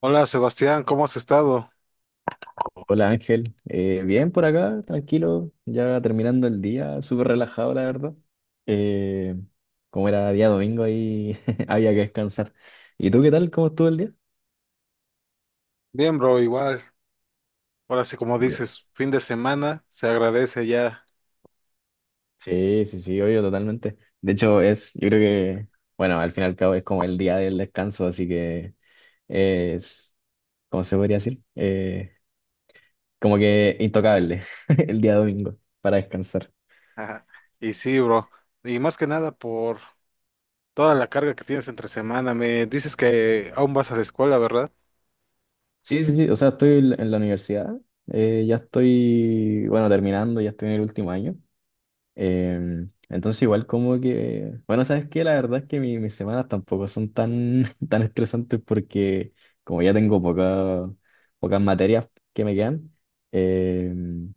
Hola Sebastián, ¿cómo has estado? Hola Ángel. Bien por acá, tranquilo, ya terminando el día, súper relajado la verdad. Eh, Como era día domingo ahí había que descansar. ¿Y tú qué tal? ¿Cómo estuvo el día? Bien, bro, igual. Ahora sí, como Ya. dices, fin de semana, se agradece ya. Sí, sí, sí, obvio, totalmente. De hecho es, yo creo que, bueno, al fin y al cabo es como el día del descanso, así que es, ¿cómo se podría decir? Como que intocable el día domingo para descansar. Ajá. Y sí, bro. Y más que nada por toda la carga que tienes entre semana. Me dices que aún vas a la escuela, ¿verdad? Sí, sí, sí, o sea, estoy en la universidad, ya estoy, bueno, terminando, ya estoy en el último año. Entonces igual como que, bueno, ¿sabes qué? La verdad es que mis semanas tampoco son tan, tan estresantes porque como ya tengo pocas materias que me quedan, em,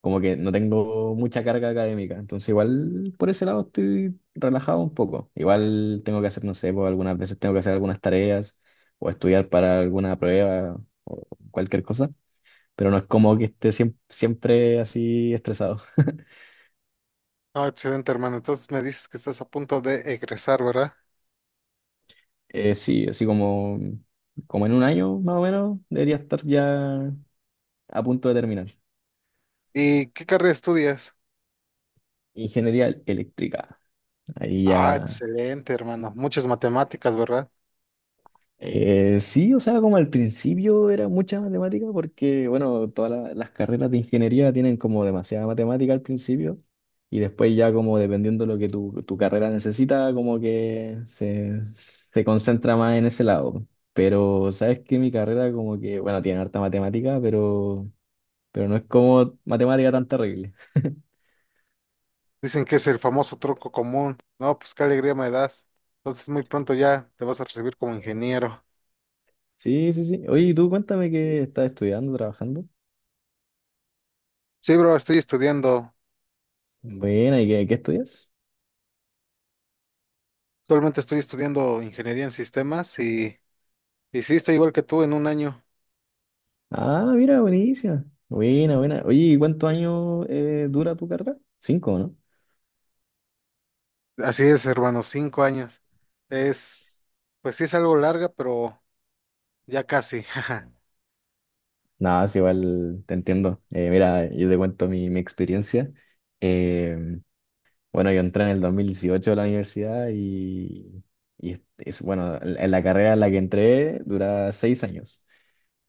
como que no tengo mucha carga académica, entonces igual por ese lado estoy relajado un poco. Igual tengo que hacer, no sé, pues algunas veces tengo que hacer algunas tareas o estudiar para alguna prueba o cualquier cosa, pero no es como que esté siempre así estresado. Ah, excelente, hermano. Entonces me dices que estás a punto de egresar, ¿verdad? Sí, así como, como en un año más o menos debería estar ya a punto de terminar. ¿Y qué carrera estudias? Ingeniería eléctrica. Ahí Ah, ya excelente, hermano. Muchas matemáticas, ¿verdad? Sí, o sea, como al principio era mucha matemática, porque, bueno, todas las carreras de ingeniería tienen como demasiada matemática al principio, y después ya como dependiendo de lo que tu carrera necesita, como que se concentra más en ese lado. Pero, ¿sabes que mi carrera como que, bueno, tiene harta matemática, pero no es como matemática tan terrible? Dicen que es el famoso truco común. No, pues qué alegría me das. Entonces muy pronto ya te vas a recibir como ingeniero. Sí, sí, sí. Oye, y tú cuéntame qué estás estudiando, trabajando. Sí, bro, estoy estudiando, Buena, ¿y qué estudias? actualmente estoy estudiando ingeniería en sistemas y sí, estoy igual que tú en un año. Ah, mira, buenísima. Buena, buena. Oye, ¿y cuántos años dura tu carrera? Cinco, ¿no? Así es, hermano, 5 años. Es, pues sí es algo larga, pero ya casi. Nada, es igual, te entiendo. Mira, yo te cuento mi experiencia. Eh, bueno, yo entré en el 2018 a la universidad y bueno, en la carrera en la que entré dura 6 años.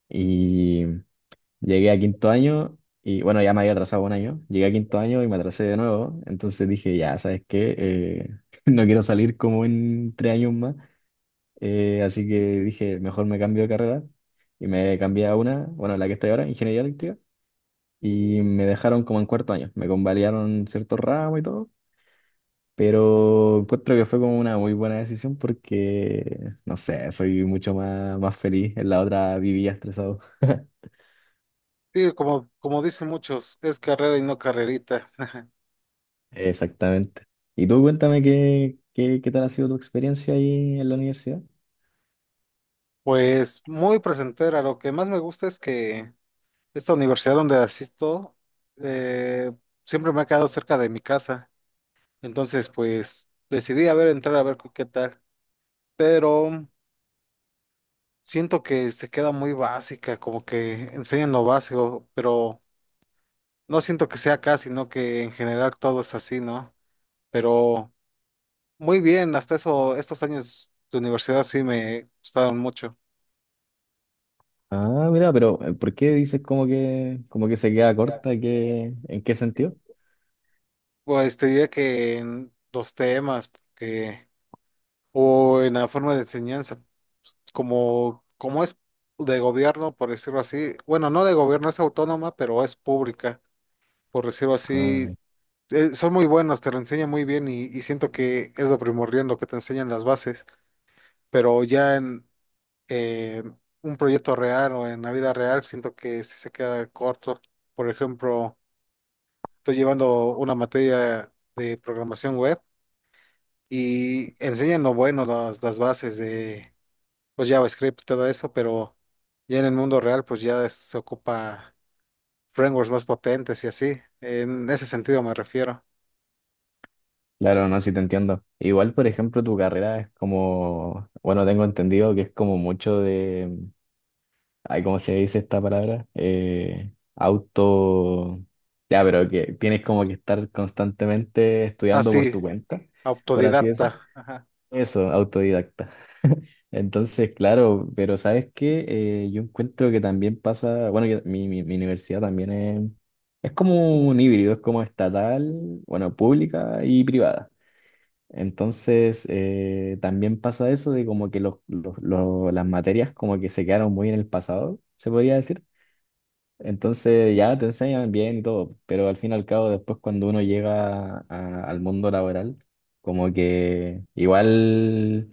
Y llegué a quinto año y, bueno, ya me había atrasado un año. Llegué a quinto año y me atrasé de nuevo. Entonces dije, ya, ¿sabes qué? No quiero salir como en tres años más. Así que dije, mejor me cambio de carrera. Y me cambié a una, bueno, la que estoy ahora, ingeniería eléctrica. Y me dejaron como en cuarto año. Me convalidaron ciertos ramos y todo. Pero encuentro que fue como una muy buena decisión porque, no sé, soy mucho más feliz. En la otra vivía estresado. Sí, como, como dicen muchos, es carrera y no carrerita. Exactamente. Y tú cuéntame qué tal ha sido tu experiencia ahí en la universidad. Pues muy presentera, lo que más me gusta es que esta universidad donde asisto eh, siempre me ha quedado cerca de mi casa. Entonces, pues decidí a ver, entrar a ver qué tal. Pero siento que se queda muy básica, como que enseñan lo básico, pero no siento que sea acá, sino que en general todo es así, ¿no? Pero muy bien, hasta eso, estos años de universidad sí me gustaron mucho. Ah, mira, pero ¿por qué dices como que se queda corta? ¿Qué, en qué sentido? Pues te diría que en los temas que, o en la forma de enseñanza, pues, como, como es de gobierno, por decirlo así, bueno, no de gobierno, es autónoma, pero es pública, por decirlo así, Ah, son muy buenos, te lo enseñan muy bien y siento que es lo primordial lo que te enseñan las bases, pero ya en eh, un proyecto real o en la vida real siento que sí se queda corto. Por ejemplo, estoy llevando una materia de programación web y enseñan lo bueno, las bases de pues JavaScript y todo eso, pero ya en el mundo real pues ya se ocupa frameworks más potentes y así. En ese sentido me refiero. claro, no, sí te entiendo. Igual, por ejemplo, tu carrera es como, bueno, tengo entendido que es como mucho de, ay, ¿cómo se dice esta palabra? Auto, ya, pero que tienes como que estar constantemente Ah, estudiando por sí, tu cuenta, por así decirlo. autodidacta. Ajá. Eso, autodidacta. Entonces, claro, pero ¿sabes qué? Yo encuentro que también pasa, bueno, mi universidad también es como un híbrido, es como estatal, bueno, pública y privada. Entonces, también pasa eso de como que las materias como que se quedaron muy en el pasado, se podría decir. Entonces ya te enseñan bien y todo, pero al fin y al cabo después cuando uno llega al mundo laboral, como que igual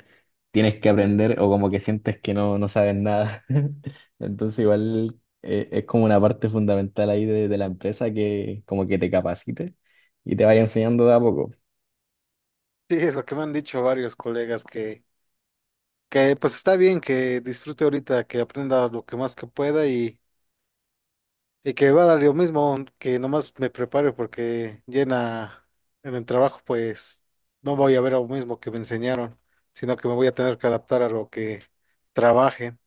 tienes que aprender o como que sientes que no, no sabes nada. Entonces igual es como una parte fundamental ahí de la empresa que como que te capacite y te vaya enseñando de a poco. Sí, es lo que me han dicho varios colegas que pues está bien que disfrute ahorita, que aprenda lo que más que pueda y que va a dar lo mismo, que nomás me prepare porque llena en el trabajo pues no voy a ver lo mismo que me enseñaron, sino que me voy a tener que adaptar a lo que trabaje.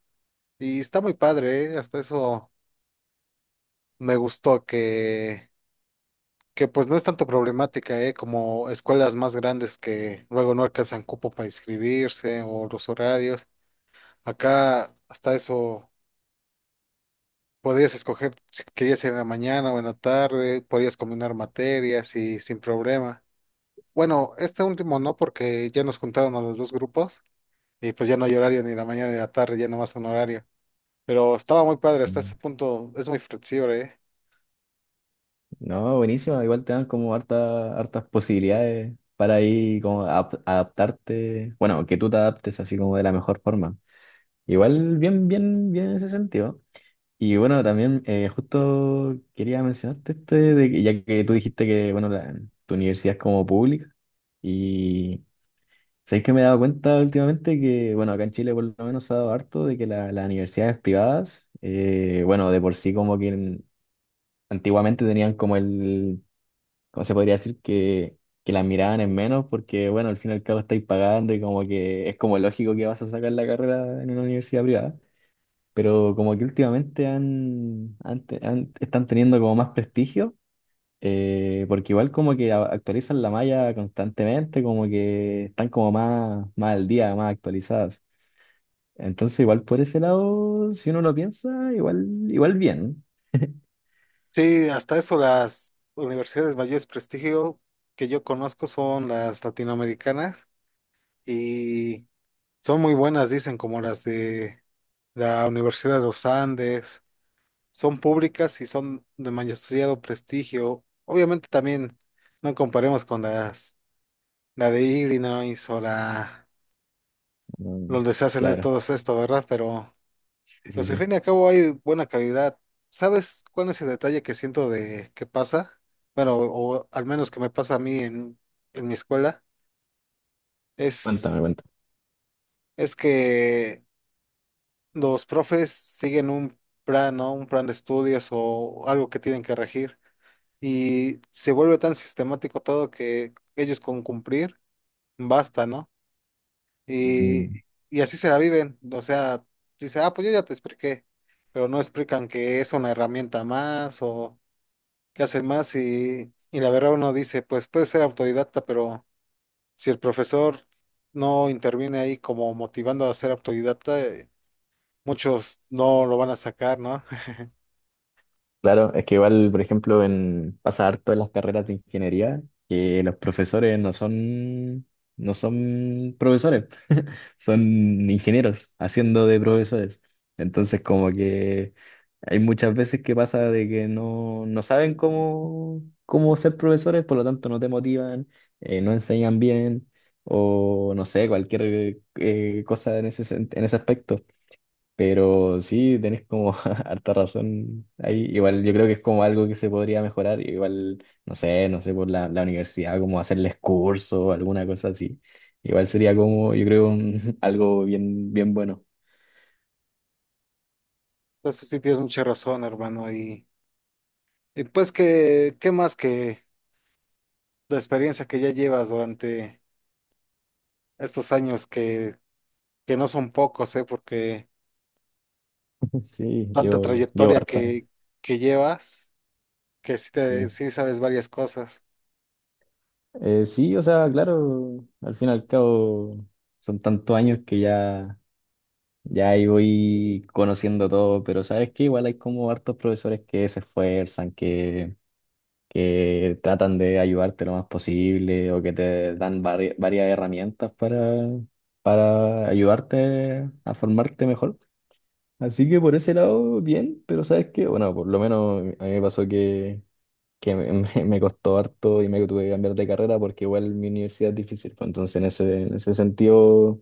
Y está muy padre, ¿eh? Hasta eso me gustó que pues no es tanto problemática, ¿eh? Como escuelas más grandes que luego no alcanzan cupo para inscribirse o los horarios. Acá hasta eso podías escoger si querías ir en la mañana o en la tarde, podías combinar materias y sin problema. Bueno, este último no, porque ya nos juntaron a los dos grupos y pues ya no hay horario ni la mañana ni la tarde, ya no más un horario. Pero estaba muy padre, hasta ese punto es muy flexible, ¿eh? No, buenísimo. Igual te dan como hartas posibilidades para ahí como adaptarte. Bueno, que tú te adaptes así como de la mejor forma. Igual bien en ese sentido. Y bueno, también justo quería mencionarte este, de que, ya que tú dijiste que, bueno, tu universidad es como pública. Y sabéis que me he dado cuenta últimamente que, bueno, acá en Chile por lo menos se ha dado harto de que las universidades privadas, bueno, de por sí como que antiguamente tenían como el como se podría decir que la miraban en menos porque, bueno, al fin y al cabo estáis pagando y como que es como lógico que vas a sacar la carrera en una universidad privada, pero como que últimamente están teniendo como más prestigio, porque igual como que actualizan la malla constantemente, como que están como más al día, más actualizadas. Entonces igual por ese lado, si uno lo piensa, igual bien. Sí, hasta eso las universidades mayores prestigio que yo conozco son las latinoamericanas y son muy buenas, dicen, como las de la Universidad de los Andes son públicas y son de demasiado prestigio. Obviamente también no comparemos con las, la de Illinois o la, Mm, donde se hacen claro. todo esto, ¿verdad? Pero, Sí, sí, pues al sí. fin y al cabo hay buena calidad. ¿Sabes cuál es el detalle que siento de que pasa? Bueno, o al menos que me pasa a mí en mi escuela, es, Cuéntame, es que los profes siguen un plan, ¿no? Un plan de estudios o algo que tienen que regir, y se vuelve tan sistemático todo que ellos con cumplir basta, ¿no? Y, cuéntame. y así se la viven, o sea, dice, ah, pues yo ya te expliqué, pero no explican que es una herramienta más o que hacen más y la verdad uno dice, pues puede ser autodidacta, pero si el profesor no interviene ahí como motivando a ser autodidacta, muchos no lo van a sacar, ¿no? Claro, es que igual, por ejemplo, en pasa harto en las carreras de ingeniería, que los profesores no son profesores, son ingenieros haciendo de profesores. Entonces, como que hay muchas veces que pasa de que no, no saben cómo ser profesores, por lo tanto no te motivan, no enseñan bien, o no sé, cualquier cosa en ese, en ese aspecto. Pero sí, tenés como harta razón ahí. Igual yo creo que es como algo que se podría mejorar. Igual, no sé, no sé, por la universidad, como hacerles curso o alguna cosa así. Igual sería como, yo creo, algo bien bueno. Entonces sí tienes mucha razón, hermano, y pues que, ¿qué más que la experiencia que ya llevas durante estos años que no son pocos, ¿eh? Porque Sí, tanta yo trayectoria harta. Que llevas, que sí, te, Sí. sí sabes varias cosas. Sí, o sea, claro, al fin y al cabo son tantos años que ya, ya ahí voy conociendo todo, pero sabes que igual hay como hartos profesores que se esfuerzan, que tratan de ayudarte lo más posible o que te dan varias herramientas para ayudarte a formarte mejor. Así que por ese lado, bien, pero ¿sabes qué? Bueno, por lo menos a mí me pasó que me, me costó harto y me tuve que cambiar de carrera porque igual mi universidad es difícil. Pues, entonces, en ese sentido,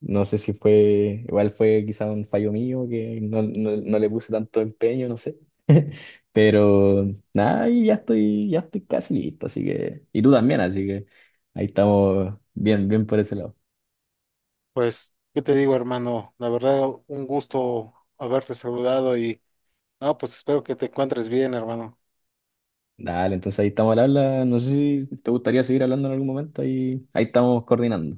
no sé si fue, igual fue quizá un fallo mío que no, no no le puse tanto empeño, no sé. Pero nada, y ya estoy casi listo, así que, y tú también, así que ahí estamos bien por ese lado. Pues, ¿qué te digo, hermano? La verdad, un gusto haberte saludado y, no, pues espero que te encuentres bien, hermano. Dale, entonces ahí estamos al habla. No sé si te gustaría seguir hablando en algún momento, ahí, ahí estamos coordinando.